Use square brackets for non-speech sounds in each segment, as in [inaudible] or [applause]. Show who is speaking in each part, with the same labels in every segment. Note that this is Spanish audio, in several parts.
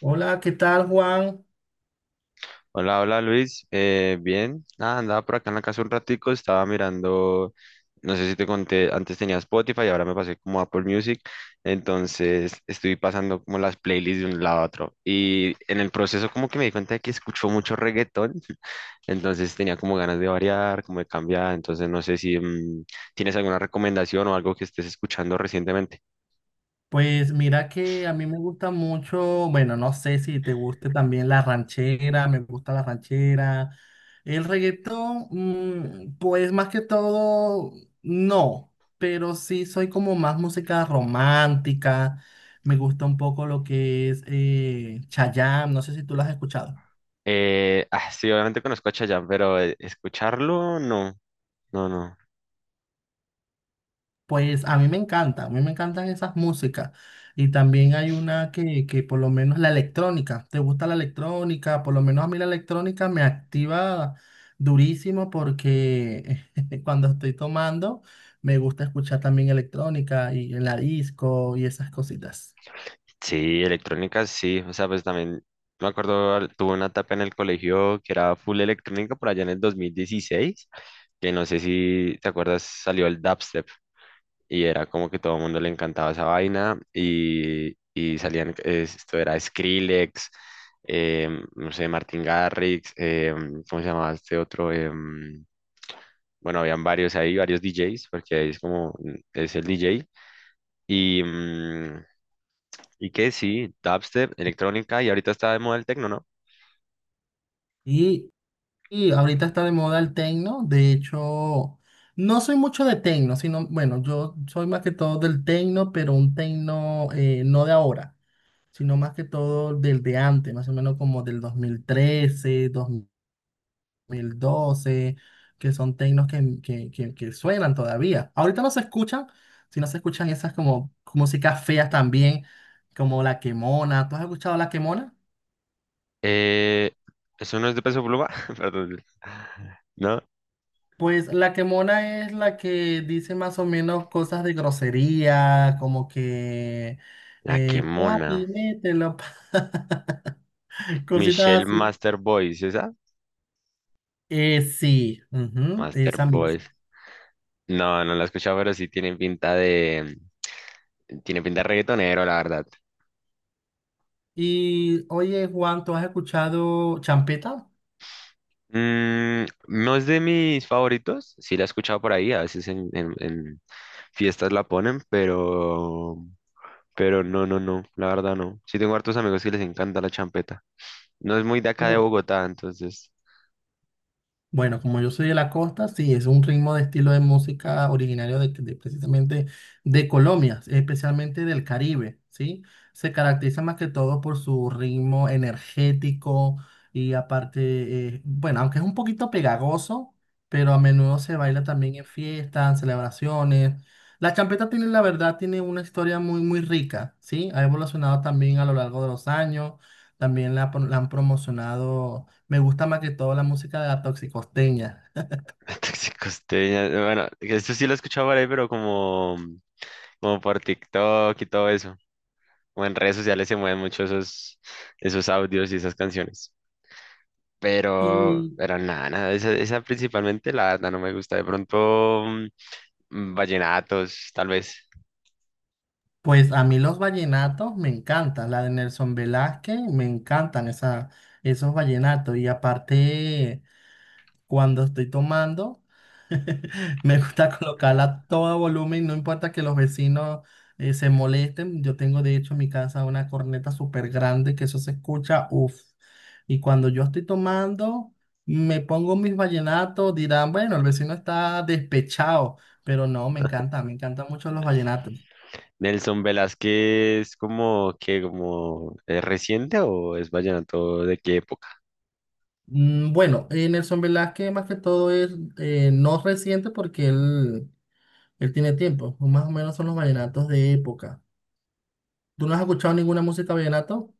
Speaker 1: Hola, ¿qué tal, Juan?
Speaker 2: Hola, hola Luis, bien, nada, andaba por acá en la casa un ratico, estaba mirando, no sé si te conté, antes tenía Spotify y ahora me pasé como a Apple Music, entonces estoy pasando como las playlists de un lado a otro y en el proceso como que me di cuenta de que escucho mucho reggaetón, [laughs] entonces tenía como ganas de variar, como de cambiar, entonces no sé si tienes alguna recomendación o algo que estés escuchando recientemente.
Speaker 1: Pues mira que a mí me gusta mucho, bueno, no sé si te guste también la ranchera, me gusta la ranchera. El reggaetón, pues más que todo, no, pero sí soy como más música romántica, me gusta un poco lo que es Chayanne, no sé si tú lo has escuchado.
Speaker 2: Ah, sí, obviamente conozco a Chayanne, pero escucharlo, no, no, no.
Speaker 1: Pues a mí me encanta, a mí me encantan esas músicas. Y también hay una que por lo menos la electrónica, ¿te gusta la electrónica? Por lo menos a mí la electrónica me activa durísimo porque [laughs] cuando estoy tomando me gusta escuchar también electrónica y en la disco y esas cositas.
Speaker 2: Sí, electrónica sí, o sea, pues también me acuerdo, tuve una etapa en el colegio que era full electrónica por allá en el 2016 que no sé si te acuerdas, salió el dubstep y era como que todo el mundo le encantaba esa vaina y salían, esto era Skrillex, no sé, Martin Garrix, ¿cómo se llamaba este otro? Bueno, habían varios ahí, varios DJs, porque ahí es como, es el DJ. Y, mm, y que sí, dubstep, electrónica, y ahorita está de moda el tecno, ¿no?
Speaker 1: Y, y ahorita está de moda el techno, de hecho, no soy mucho de techno, sino, bueno, yo soy más que todo del techno, pero un techno no de ahora, sino más que todo del de antes, más o menos como del dos mil trece, 2012, que son tecnos que suenan todavía. Ahorita no se escuchan, sino se escuchan esas como músicas feas también, como La Quemona. ¿Tú has escuchado La Quemona?
Speaker 2: Eh, ¿Eso no es de Peso Pluma? [laughs] Perdón. ¿No?
Speaker 1: Pues La Quemona es la que dice más o menos cosas de grosería, como que,
Speaker 2: La que mona.
Speaker 1: papi, mételo, [laughs] cositas
Speaker 2: Michelle
Speaker 1: así.
Speaker 2: Master Boys, ¿esa?
Speaker 1: Sí, ujú,
Speaker 2: Master
Speaker 1: esa misma.
Speaker 2: Boys. No, no la he escuchado, pero sí tiene pinta de. Tiene pinta de reggaetonero, la verdad.
Speaker 1: Y oye, Juan, ¿tú has escuchado champeta?
Speaker 2: No es de mis favoritos, sí la he escuchado por ahí, a veces en fiestas la ponen, pero no, no, no, la verdad no. Sí tengo hartos amigos que les encanta la champeta. No es muy de
Speaker 1: Sí.
Speaker 2: acá de Bogotá, entonces.
Speaker 1: Bueno, como yo soy de la costa, sí, es un ritmo de estilo de música originario de precisamente de Colombia, especialmente del Caribe, ¿sí? Se caracteriza más que todo por su ritmo energético y aparte, bueno, aunque es un poquito pegagoso, pero a menudo se baila también en fiestas, en celebraciones. La champeta tiene, la verdad, tiene una historia muy, muy rica, ¿sí? Ha evolucionado también a lo largo de los años, también la han promocionado. Me gusta más que todo la música de la toxicosteña.
Speaker 2: [laughs] Costeña, bueno, esto sí lo he escuchado por ahí, pero como por TikTok y todo eso. O en redes sociales se mueven mucho esos audios y esas canciones. Pero,
Speaker 1: Y
Speaker 2: pero nada, nada, esa principalmente la verdad no me gusta. De pronto, vallenatos, tal vez.
Speaker 1: pues a mí los vallenatos me encantan, la de Nelson Velázquez, me encantan esos vallenatos. Y aparte, cuando estoy tomando, [laughs] me gusta colocarla a todo volumen, no importa que los vecinos se molesten. Yo tengo de hecho en mi casa una corneta súper grande que eso se escucha, uff. Y cuando yo estoy tomando, me pongo mis vallenatos, dirán, bueno, el vecino está despechado, pero no, me encanta, me encantan mucho los vallenatos.
Speaker 2: Nelson Velázquez, como que, como, ¿es reciente o es vallenato de qué época?
Speaker 1: Bueno, Nelson Velázquez más que todo es no reciente porque él tiene tiempo, más o menos son los vallenatos de época. ¿Tú no has escuchado ninguna música vallenato?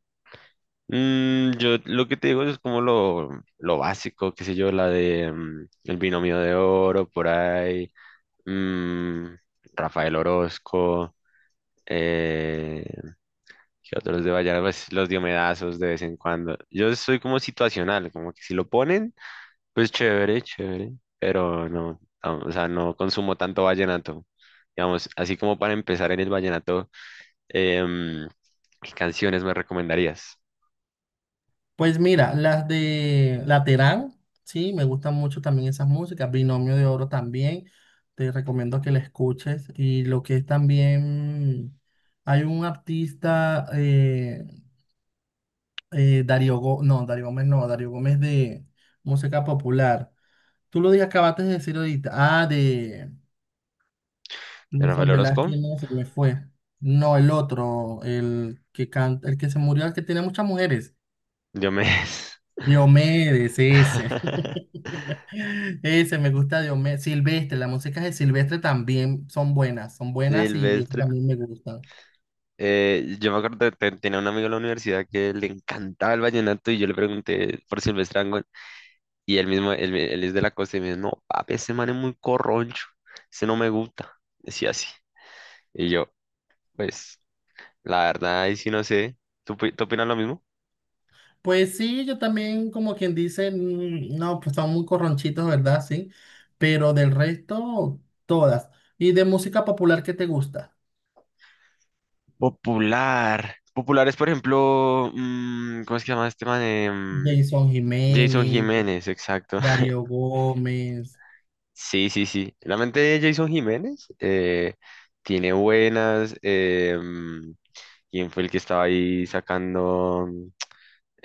Speaker 2: Yo lo que te digo es como lo básico, qué sé yo, la de El Binomio de Oro, por ahí, mm, Rafael Orozco, eh, que otros de Vallenar, pues los diomedazos de vez en cuando. Yo soy como situacional, como que si lo ponen, pues chévere, chévere, pero no, no, o sea, no consumo tanto vallenato. Digamos, así como para empezar en el vallenato, em, ¿qué canciones me recomendarías?
Speaker 1: Pues mira, las de Laterán, sí, me gustan mucho también esas músicas. Binomio de Oro también, te recomiendo que la escuches. Y lo que es también, hay un artista Darío Gómez, no, Darío Gómez no, Darío Gómez de música popular. Tú acabaste de decir ahorita. Ah, de
Speaker 2: ¿De Rafael
Speaker 1: Nelson
Speaker 2: Orozco?
Speaker 1: Velázquez, no, se me fue. No, el otro, el que canta, el que se murió, el que tiene muchas mujeres.
Speaker 2: Diomedes.
Speaker 1: Diomedes, ese.
Speaker 2: [laughs]
Speaker 1: [laughs] Ese, me gusta Diomedes. Silvestre, las músicas de Silvestre también son buenas y eso
Speaker 2: Silvestre.
Speaker 1: también me gusta.
Speaker 2: Yo me acuerdo que tenía un amigo en la universidad que le encantaba el vallenato y yo le pregunté por Silvestre. Y él mismo, él es de la costa y me dice, no, papi, ese man es muy corroncho, ese no me gusta, decía así. Y yo, pues, la verdad, ahí sí no sé, tú opinas lo mismo?
Speaker 1: Pues sí, yo también, como quien dice, no, pues son muy corronchitos, ¿verdad? Sí, pero del resto, todas. ¿Y de música popular qué te gusta?
Speaker 2: Popular. Popular es, por ejemplo, ¿cómo es que se llama este man?
Speaker 1: Jason
Speaker 2: Jason
Speaker 1: Jiménez,
Speaker 2: Jiménez, exacto. [laughs]
Speaker 1: Darío Gómez,
Speaker 2: Sí, sí, sí. Realmente Jason Jiménez tiene buenas. ¿Quién fue el que estaba ahí sacando?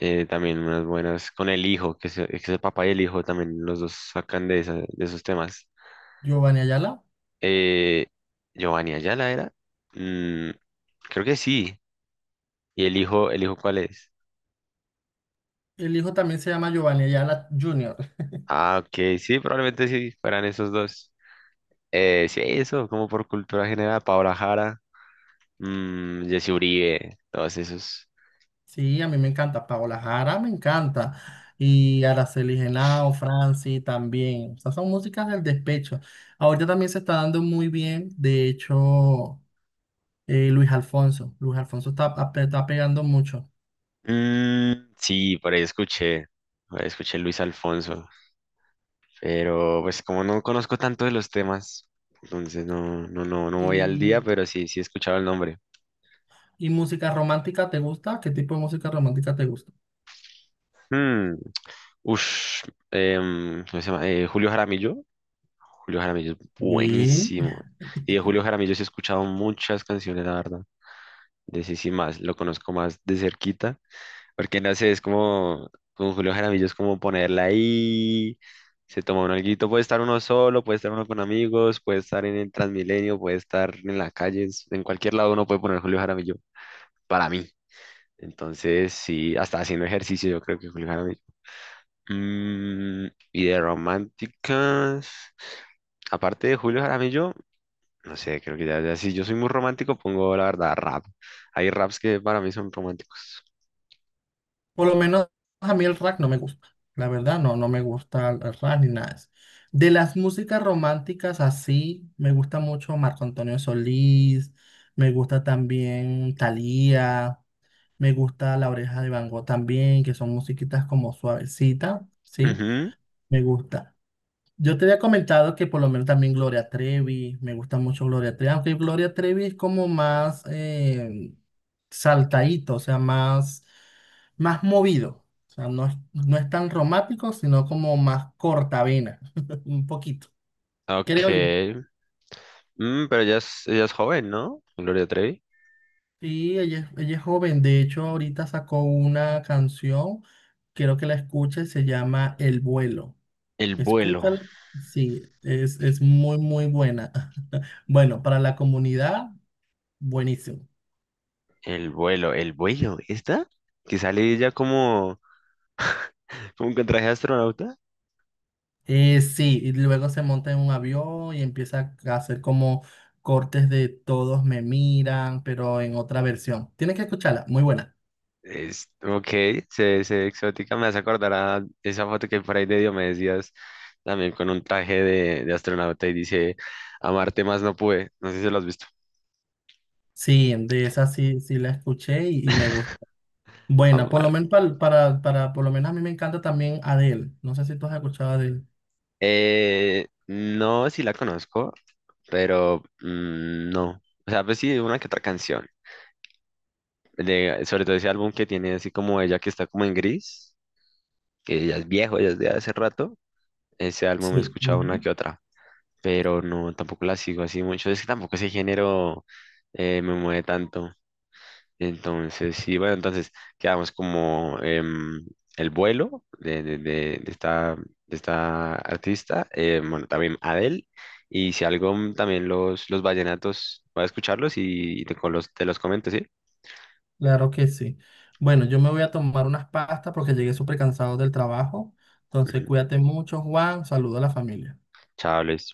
Speaker 2: También unas buenas con el hijo, que es el papá y el hijo también los dos sacan de esos temas.
Speaker 1: Giovanni Ayala.
Speaker 2: Eh, Giovanni Ayala era, Mm, creo que sí. ¿Y el hijo cuál es?
Speaker 1: El hijo también se llama Giovanni Ayala Jr.
Speaker 2: Ah, ok, sí, probablemente sí, fueran esos dos. Sí, eso, como por cultura general, Paola Jara, Jesse Uribe, todos esos.
Speaker 1: Sí, a mí me encanta. Paola Jara me encanta. Y Araceli Genao, Franci también. O sea, son músicas del despecho. Ahorita también se está dando muy bien, de hecho. Luis Alfonso. Luis Alfonso está pegando mucho.
Speaker 2: Sí, por ahí escuché Luis Alfonso. Pero pues como no conozco tanto de los temas, entonces no, no, no, no voy al día,
Speaker 1: Y,
Speaker 2: pero sí, sí he escuchado el nombre.
Speaker 1: ¿Y música romántica te gusta? ¿Qué tipo de música romántica te gusta?
Speaker 2: Hmm, ush, ¿Cómo se llama? Julio Jaramillo. Julio Jaramillo es
Speaker 1: Y
Speaker 2: buenísimo. Y de
Speaker 1: [laughs]
Speaker 2: Julio Jaramillo sí he escuchado muchas canciones, la verdad. De sí, sí, más, lo conozco más de cerquita. Porque no sé, es como con Julio Jaramillo, es como ponerla ahí, se toma un alguito, puede estar uno solo, puede estar uno con amigos, puede estar en el Transmilenio, puede estar en la calle, en cualquier lado uno puede poner Julio Jaramillo, para mí. Entonces, sí, hasta haciendo ejercicio yo creo que Julio Jaramillo. Y de románticas, aparte de Julio Jaramillo, no sé, creo que ya, ya si yo soy muy romántico, pongo la verdad rap. Hay raps que para mí son románticos.
Speaker 1: por lo menos a mí el rap no me gusta. La verdad, no, no me gusta el rap ni nada de eso. De las músicas románticas así, me gusta mucho Marco Antonio Solís, me gusta también Thalía, me gusta La Oreja de Van Gogh también, que son musiquitas como suavecitas, ¿sí?
Speaker 2: Ujú.
Speaker 1: Me gusta. Yo te había comentado que por lo menos también Gloria Trevi, me gusta mucho Gloria Trevi, aunque Gloria Trevi es como más saltadito, o sea, más, más movido. O sea, no es tan romántico, sino como más cortavena, [laughs] un poquito,
Speaker 2: Ok.
Speaker 1: creo yo.
Speaker 2: Pero ella es joven, ¿no? Gloria Trevi.
Speaker 1: Sí, ella es joven, de hecho ahorita sacó una canción, quiero que la escuches, se llama El vuelo.
Speaker 2: El vuelo,
Speaker 1: Escúchala, sí, es muy, muy buena. [laughs] Bueno, para la comunidad. Buenísimo.
Speaker 2: el vuelo, el vuelo, ¿esta? Que sale ella como, con traje de astronauta.
Speaker 1: Sí, y luego se monta en un avión y empieza a hacer como cortes de todos me miran, pero en otra versión. Tienes que escucharla, muy buena.
Speaker 2: Ok, se ve exótica, me hace acordar a esa foto que por ahí de Dios me decías, también con un traje de astronauta y dice, amarte más no pude, no sé si lo has visto,
Speaker 1: Sí, de esa sí, sí la escuché y me gusta. Bueno, por lo
Speaker 2: amar.
Speaker 1: menos por lo menos a mí me encanta también Adele. No sé si tú has escuchado a Adele.
Speaker 2: No, sí la conozco, pero no, o sea, pues sí, una que otra canción, sobre todo ese álbum que tiene así como ella que está como en gris, que ella es viejo, ella es de hace rato, ese álbum he
Speaker 1: Sí,
Speaker 2: escuchado una
Speaker 1: ujú,
Speaker 2: que otra, pero no, tampoco la sigo así mucho, es que tampoco ese género me mueve tanto. Entonces, sí, bueno, entonces quedamos como el vuelo de esta, artista, bueno, también Adele, y si algo también los vallenatos, voy a escucharlos y te los comento, ¿sí?
Speaker 1: claro que sí. Bueno, yo me voy a tomar unas pastas porque llegué súper cansado del trabajo. Entonces,
Speaker 2: Ujú.
Speaker 1: cuídate mucho, Juan. Saludo a la familia.
Speaker 2: Chao, Luis.